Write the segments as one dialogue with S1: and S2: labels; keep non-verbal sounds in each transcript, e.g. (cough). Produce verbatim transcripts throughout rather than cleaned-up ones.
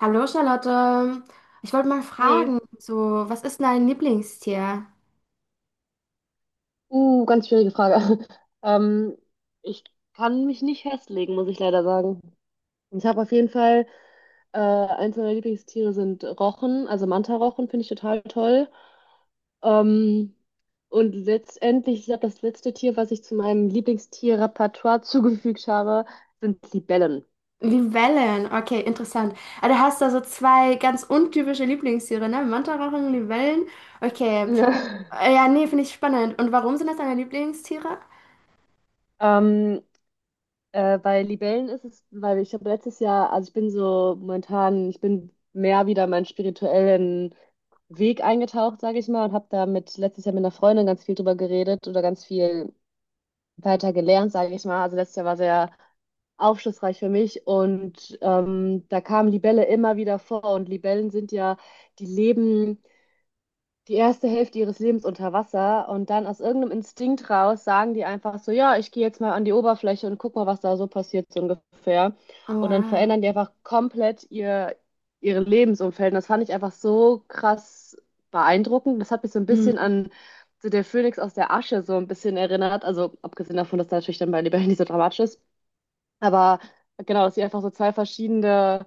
S1: Hallo Charlotte, ich wollte mal fragen,
S2: Hey,
S1: so, was ist dein Lieblingstier?
S2: uh, ganz schwierige Frage. (laughs) Ähm, ich kann mich nicht festlegen, muss ich leider sagen. Ich habe auf jeden Fall, äh, eins meiner Lieblingstiere sind Rochen, also Manta-Rochen finde ich total toll. Ähm, und letztendlich, ich glaube, das letzte Tier, was ich zu meinem Lieblingstier-Repertoire (laughs) zugefügt habe, sind Libellen.
S1: Libellen, okay, interessant. Ah, du hast da so zwei ganz untypische Lieblingstiere, ne? Mantarochen, Libellen. Okay.
S2: (laughs) Ja.
S1: Äh, ja, nee, finde ich spannend. Und warum sind das deine Lieblingstiere?
S2: Ähm, Äh, bei Libellen ist es, weil ich habe letztes Jahr, also ich bin so momentan, ich bin mehr wieder meinen spirituellen Weg eingetaucht, sage ich mal, und habe da mit letztes Jahr mit einer Freundin ganz viel drüber geredet oder ganz viel weiter gelernt, sage ich mal. Also letztes Jahr war sehr aufschlussreich für mich und ähm, da kam Libelle immer wieder vor und Libellen sind ja, die leben die erste Hälfte ihres Lebens unter Wasser und dann aus irgendeinem Instinkt raus sagen die einfach so, ja, ich gehe jetzt mal an die Oberfläche und guck mal, was da so passiert, so ungefähr.
S1: Oh,
S2: Und dann
S1: wow.
S2: verändern die einfach komplett ihr, ihre Lebensumfeld. Und das fand ich einfach so krass beeindruckend. Das hat mich so ein bisschen
S1: Mhm.
S2: an so der Phönix aus der Asche so ein bisschen erinnert. Also abgesehen davon, dass da natürlich dann bei Leberhin nicht so dramatisch ist. Aber genau, dass sie einfach so zwei verschiedene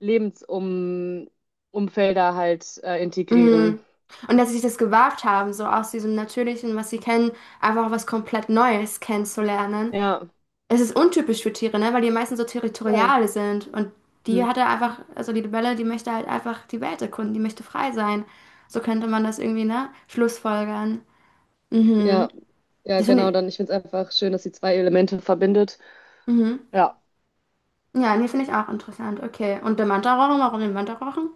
S2: Lebensumfelder halt äh, integrieren.
S1: Mhm. Und dass sie sich das gewagt haben, so aus diesem Natürlichen, was sie kennen, einfach was komplett Neues kennenzulernen.
S2: Ja.
S1: Es ist untypisch für Tiere, ne? Weil die meisten so
S2: Voll.
S1: territorial sind. Und die
S2: Mhm.
S1: hat er einfach, also die Libelle, die möchte halt einfach die Welt erkunden, die möchte frei sein. So könnte man das irgendwie, ne, schlussfolgern. Mhm.
S2: Ja, ja,
S1: Das finde
S2: genau.
S1: ich.
S2: Dann, ich finde es einfach schön, dass sie zwei Elemente verbindet.
S1: Mhm.
S2: Ja.
S1: Ja, nee, finde ich auch interessant. Okay. Und der Mantarochen, warum den Mantarochen?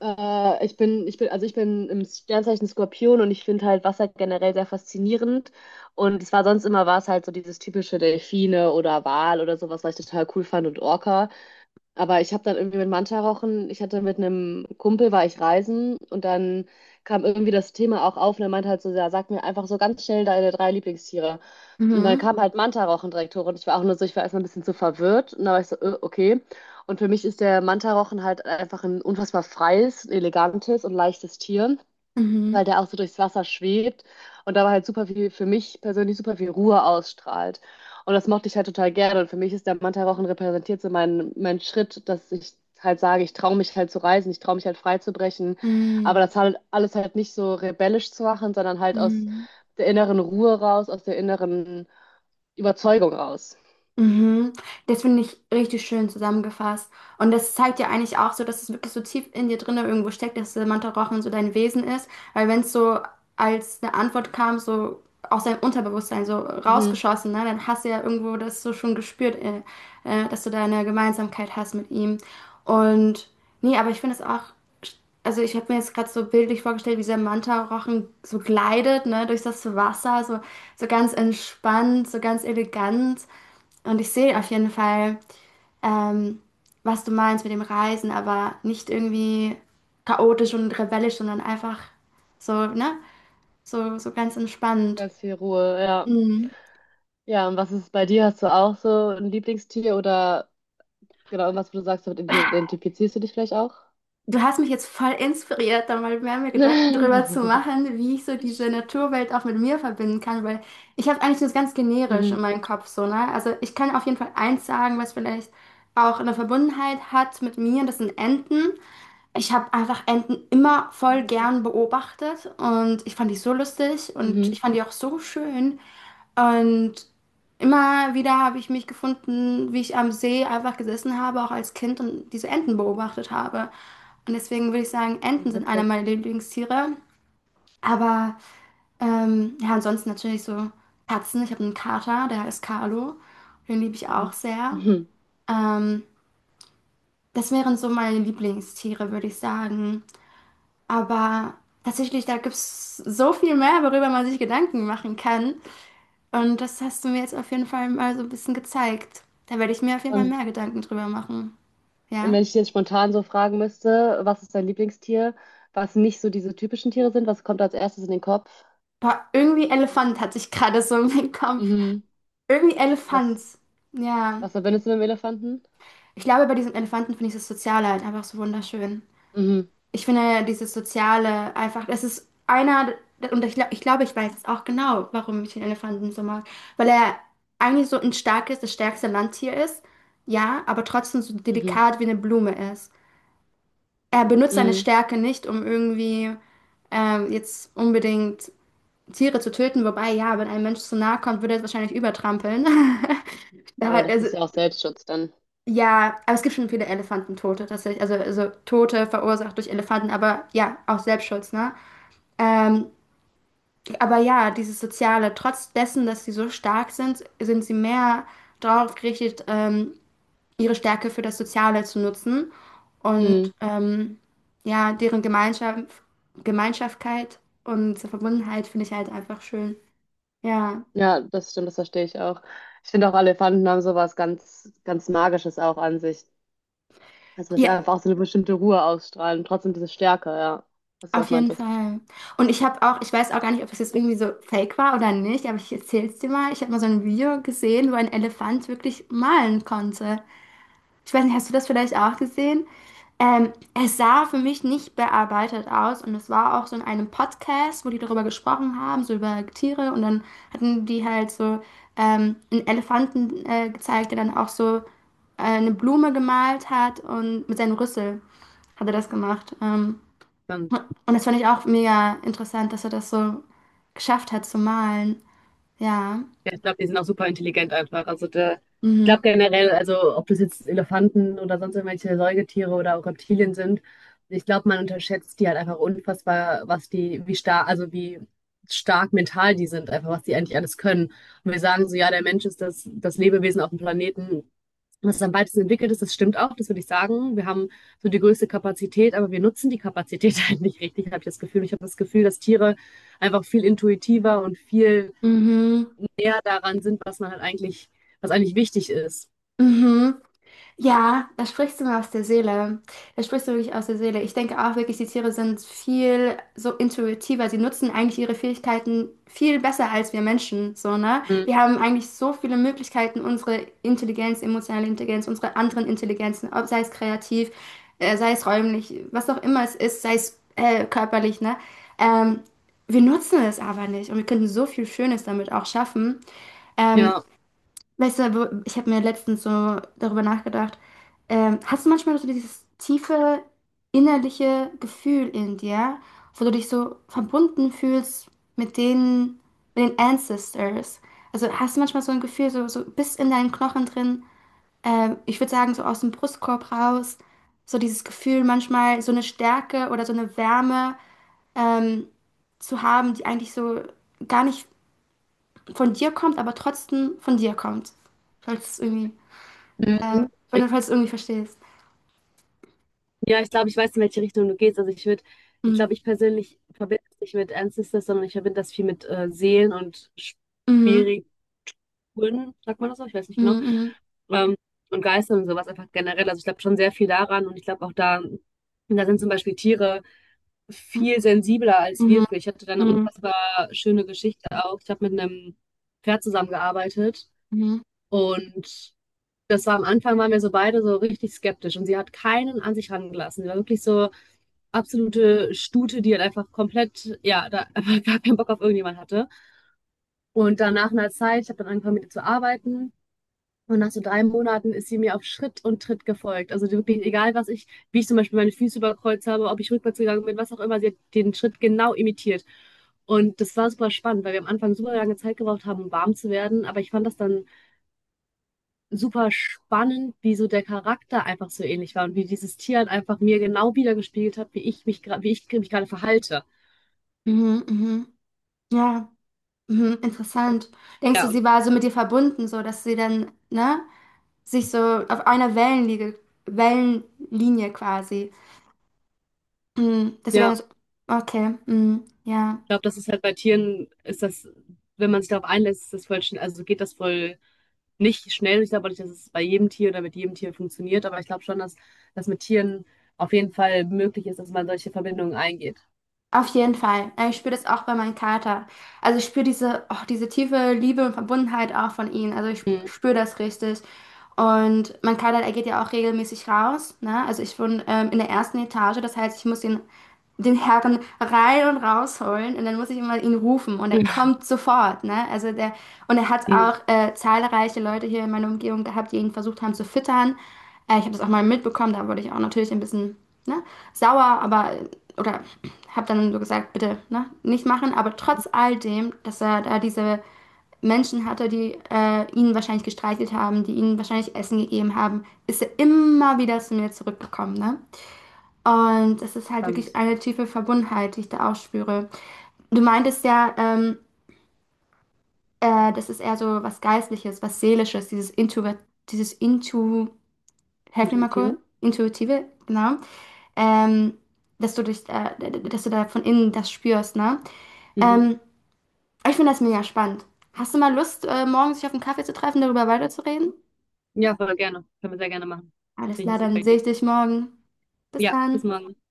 S2: Äh, ich bin, ich bin, also ich bin im Sternzeichen Skorpion und ich finde halt Wasser generell sehr faszinierend. Und es war sonst immer war es halt so dieses typische Delfine oder Wal oder sowas, was ich total cool fand und Orca. Aber ich habe dann irgendwie mit Manta rauchen, ich hatte mit einem Kumpel, war ich reisen und dann kam irgendwie das Thema auch auf und er meinte halt so, ja, sag mir einfach so ganz schnell deine drei Lieblingstiere. Und dann
S1: Mhm.
S2: kam halt Manta rauchen direkt hoch und ich war auch nur so, ich war erstmal ein bisschen zu verwirrt und dann war ich so, äh, okay. Und für mich ist der Manta rauchen halt einfach ein unfassbar freies, elegantes und leichtes Tier, weil
S1: Mhm.
S2: der auch so durchs Wasser schwebt und dabei halt super viel, für mich persönlich super viel Ruhe ausstrahlt. Und das mochte ich halt total gerne. Und für mich ist der Mantarochen repräsentiert so meinen mein Schritt, dass ich halt sage, ich traue mich halt zu reisen, ich traue mich halt frei zu brechen. Aber
S1: Mhm.
S2: das halt alles halt nicht so rebellisch zu machen, sondern halt aus
S1: Mhm.
S2: der inneren Ruhe raus, aus der inneren Überzeugung raus.
S1: Mhm. Das finde ich richtig schön zusammengefasst. Und das zeigt ja eigentlich auch so, dass es wirklich so tief in dir drinne irgendwo steckt, dass der Mantra Rochen so dein Wesen ist. Weil wenn es so als eine Antwort kam, so aus deinem Unterbewusstsein so
S2: Mhm.
S1: rausgeschossen, ne, dann hast du ja irgendwo das so schon gespürt, äh, äh, dass du da eine Gemeinsamkeit hast mit ihm. Und nee, aber ich finde es auch, also ich habe mir jetzt gerade so bildlich vorgestellt, wie dieser Manta-Rochen so gleitet, ne, durch das Wasser, so, so ganz entspannt, so ganz elegant. Und ich sehe auf jeden Fall, ähm, was du meinst mit dem Reisen, aber nicht irgendwie chaotisch und rebellisch, sondern einfach so, ne? So, so ganz entspannt.
S2: Ganz viel Ruhe, ja.
S1: Mhm.
S2: Ja, und was ist bei dir? Hast du auch so ein Lieblingstier oder genau irgendwas, wo du sagst, damit identifizierst du dich vielleicht auch?
S1: Du hast mich jetzt voll inspiriert, da mal mehr mir
S2: (laughs)
S1: Gedanken drüber zu
S2: Mhm.
S1: machen, wie ich so diese Naturwelt auch mit mir verbinden kann, weil ich habe eigentlich das ganz generisch in meinem Kopf so, ne? Also ich kann auf jeden Fall eins sagen, was vielleicht auch eine Verbundenheit hat mit mir, das sind Enten. Ich habe einfach Enten immer voll
S2: Witzig.
S1: gern beobachtet und ich fand die so lustig und
S2: Mhm.
S1: ich fand die auch so schön. Und immer wieder habe ich mich gefunden, wie ich am See einfach gesessen habe, auch als Kind und diese Enten beobachtet habe. Und deswegen würde ich sagen, Enten
S2: Ja,
S1: sind einer
S2: witzig.
S1: meiner Lieblingstiere. Aber ähm, ja, ansonsten natürlich so Katzen. Ich habe einen Kater, der heißt Carlo. Den liebe ich auch
S2: Mhm.
S1: sehr.
S2: Mhm.
S1: Ähm, Das wären so meine Lieblingstiere, würde ich sagen. Aber tatsächlich, da gibt es so viel mehr, worüber man sich Gedanken machen kann. Und das hast du mir jetzt auf jeden Fall mal so ein bisschen gezeigt. Da werde ich mir auf jeden Fall
S2: Und,
S1: mehr Gedanken drüber machen.
S2: und
S1: Ja?
S2: wenn ich dir jetzt spontan so fragen müsste, was ist dein Lieblingstier, was nicht so diese typischen Tiere sind, was kommt als erstes in den Kopf?
S1: Boah, irgendwie Elefant hatte ich gerade so im Kopf.
S2: Mhm.
S1: Irgendwie
S2: Was,
S1: Elefant. Ja.
S2: was verbindest du mit dem Elefanten?
S1: Ich glaube, bei diesem Elefanten finde ich das Soziale halt einfach so wunderschön.
S2: Mhm.
S1: Ich finde ja dieses Soziale einfach, das ist einer, und ich, glaub- ich glaube, ich weiß jetzt auch genau, warum ich den Elefanten so mag. Weil er eigentlich so ein starkes, das stärkste Landtier ist, ja, aber trotzdem so
S2: Mhm.
S1: delikat wie eine Blume ist. Er benutzt seine
S2: Mhm.
S1: Stärke nicht, um irgendwie ähm, jetzt unbedingt Tiere zu töten, wobei, ja, wenn ein Mensch zu nahe kommt, würde er es wahrscheinlich übertrampeln. (laughs) Da,
S2: Aber das
S1: also,
S2: ist ja auch Selbstschutz dann.
S1: ja, aber es gibt schon viele Elefantentote tatsächlich, also, also Tote verursacht durch Elefanten, aber ja, auch Selbstschutz, ne? Ähm, aber ja, dieses Soziale, trotz dessen, dass sie so stark sind, sind sie mehr darauf gerichtet, ähm, ihre Stärke für das Soziale zu nutzen
S2: Mhm.
S1: und ähm, ja, deren Gemeinschaft, Gemeinschaftkeit und Verbundenheit finde ich halt einfach schön. Ja,
S2: Ja, das stimmt, das verstehe ich auch. Ich finde auch, Elefanten haben sowas ganz, ganz Magisches auch an sich. Also, dass sie
S1: ja,
S2: einfach auch so eine bestimmte Ruhe ausstrahlen, trotzdem diese Stärke, ja, was du
S1: auf
S2: auch
S1: jeden
S2: meintest.
S1: Fall. Und ich habe auch, ich weiß auch gar nicht, ob es jetzt irgendwie so fake war oder nicht, aber ich erzähl's dir mal. Ich habe mal so ein Video gesehen, wo ein Elefant wirklich malen konnte. Ich weiß nicht, hast du das vielleicht auch gesehen? Ähm, es sah für mich nicht bearbeitet aus und es war auch so in einem Podcast, wo die darüber gesprochen haben, so über Tiere und dann hatten die halt so ähm, einen Elefanten äh, gezeigt, der dann auch so äh, eine Blume gemalt hat und mit seinem Rüssel hat er das gemacht. Ähm,
S2: Stimmt.
S1: und das fand ich auch mega interessant, dass er das so geschafft hat zu malen. Ja.
S2: Ja, ich glaube, die sind auch super intelligent einfach. Also der, ich glaube
S1: Mhm.
S2: generell, also ob das jetzt Elefanten oder sonst irgendwelche Säugetiere oder auch Reptilien sind, ich glaube, man unterschätzt die halt einfach unfassbar, was die, wie stark, also wie stark mental die sind, einfach was die eigentlich alles können. Und wir sagen so, ja, der Mensch ist das, das Lebewesen auf dem Planeten, was am weitesten entwickelt ist. Das stimmt auch, das würde ich sagen. Wir haben so die größte Kapazität, aber wir nutzen die Kapazität (laughs) halt nicht richtig, habe ich das Gefühl. Ich habe das Gefühl, dass Tiere einfach viel intuitiver und viel
S1: Mhm.
S2: eher daran sind, was man halt eigentlich, was eigentlich wichtig ist.
S1: Mhm. Ja, da sprichst du mir aus der Seele. Da sprichst du wirklich aus der Seele. Ich denke auch wirklich, die Tiere sind viel so intuitiver. Sie nutzen eigentlich ihre Fähigkeiten viel besser als wir Menschen, so, ne?
S2: Mhm.
S1: Wir haben eigentlich so viele Möglichkeiten, unsere Intelligenz, emotionale Intelligenz, unsere anderen Intelligenzen, ob sei es kreativ, äh, sei es räumlich, was auch immer es ist, sei es äh, körperlich, ne? Ähm, Wir nutzen es aber nicht und wir könnten so viel Schönes damit auch schaffen. Ähm,
S2: Ja.
S1: Weißt du, wo- ich habe mir letztens so darüber nachgedacht. Ähm, hast du manchmal so dieses tiefe innerliche Gefühl in dir, wo du dich so verbunden fühlst mit den, mit den Ancestors? Also hast du manchmal so ein Gefühl, so, so bis in deinen Knochen drin, ähm, ich würde sagen, so aus dem Brustkorb raus, so dieses Gefühl, manchmal so eine Stärke oder so eine Wärme ähm, zu haben, die eigentlich so gar nicht von dir kommt, aber trotzdem von dir kommt. Falls es irgendwie. Äh,
S2: Mhm.
S1: Wenn du es irgendwie verstehst.
S2: Ja, ich glaube, ich weiß, in welche Richtung du gehst. Also ich würde, ich
S1: Mhm.
S2: glaube, ich persönlich verbinde das nicht mit Ancestors, sondern ich verbinde das viel mit äh, Seelen und
S1: Mhm.
S2: Spiriten, sagt man das so? Ich weiß nicht genau.
S1: Mhm.
S2: Ähm, und Geistern und sowas einfach generell. Also ich glaube schon sehr viel daran und ich glaube auch da, da sind zum Beispiel Tiere
S1: Mhm.
S2: viel sensibler als wir
S1: Mhm.
S2: für. Ich hatte da eine
S1: Mhm.
S2: unfassbar schöne Geschichte auch. Ich habe mit einem Pferd zusammengearbeitet
S1: Mhm.
S2: und das war am Anfang, waren wir so beide so richtig skeptisch und sie hat keinen an sich rangelassen. Sie war wirklich so absolute Stute, die halt einfach komplett, ja, da (laughs) einfach gar keinen Bock auf irgendjemand hatte. Und dann nach einer Zeit, ich habe dann angefangen mit ihr zu arbeiten. Und nach so drei Monaten ist sie mir auf Schritt und Tritt gefolgt. Also die wirklich, egal was ich, wie ich zum Beispiel meine Füße überkreuzt habe, ob ich rückwärts gegangen bin, was auch immer, sie hat den Schritt genau imitiert. Und das war super spannend, weil wir am Anfang super lange Zeit gebraucht haben, um warm zu werden. Aber ich fand das dann super spannend, wie so der Charakter einfach so ähnlich war und wie dieses Tier halt einfach mir genau wiedergespiegelt hat, wie ich mich gerade, wie ich mich gerade verhalte.
S1: Mhm. Mhm. Ja, mhm. Interessant. Denkst du,
S2: Ja, und
S1: sie war so mit dir verbunden, so dass sie dann, ne, sich so auf einer Wellenlinie, Wellenlinie quasi, mhm, dass sie dann
S2: ja,
S1: so, okay, mhm. Ja,
S2: ich glaube, das ist halt bei Tieren, ist das, wenn man sich darauf einlässt, ist das voll schnell, also geht das voll nicht schnell. Ich glaube auch nicht, dass es bei jedem Tier oder mit jedem Tier funktioniert, aber ich glaube schon, dass das mit Tieren auf jeden Fall möglich ist, dass man solche Verbindungen eingeht.
S1: auf jeden Fall. Ja, ich spüre das auch bei meinem Kater. Also ich spüre diese, oh, diese tiefe Liebe und Verbundenheit auch von ihm. Also ich
S2: Mhm.
S1: spüre das richtig. Und mein Kader, er geht ja auch regelmäßig raus. Ne? Also ich wohne ähm, in der ersten Etage, das heißt, ich muss den den Herren rein und rausholen und dann muss ich immer ihn rufen und er kommt sofort. Ne? Also der, und er hat
S2: Mhm.
S1: auch äh, zahlreiche Leute hier in meiner Umgebung gehabt, die ihn versucht haben zu füttern. Äh, ich habe das auch mal mitbekommen, da wurde ich auch natürlich ein bisschen, ne, sauer, aber oder habe dann so gesagt, bitte ne, nicht machen. Aber trotz all dem, dass er da diese Menschen hatte, die äh, ihn wahrscheinlich gestreichelt haben, die ihnen wahrscheinlich Essen gegeben haben, ist er immer wieder zu mir zurückgekommen. Ne? Und das ist halt
S2: Spannend.
S1: wirklich eine tiefe Verbundenheit, die ich da auch spüre. Du meintest ja, ähm, äh, das ist eher so was Geistliches, was Seelisches, dieses Intu, dieses Intu, helf mir mal kurz,
S2: Intuitive.
S1: intuitive, genau. Ähm, Dass du dich, äh, dass du da von innen das spürst, ne?
S2: Mhm.
S1: Ähm, Ich finde das mega spannend. Hast du mal Lust, äh, morgen sich auf einen Kaffee zu treffen, darüber weiterzureden?
S2: Ja, voll gerne. Können wir sehr gerne machen.
S1: Alles
S2: Finde ich eine
S1: klar,
S2: super
S1: dann sehe
S2: Idee.
S1: ich dich morgen. Bis
S2: Ja, bis
S1: dann.
S2: morgen.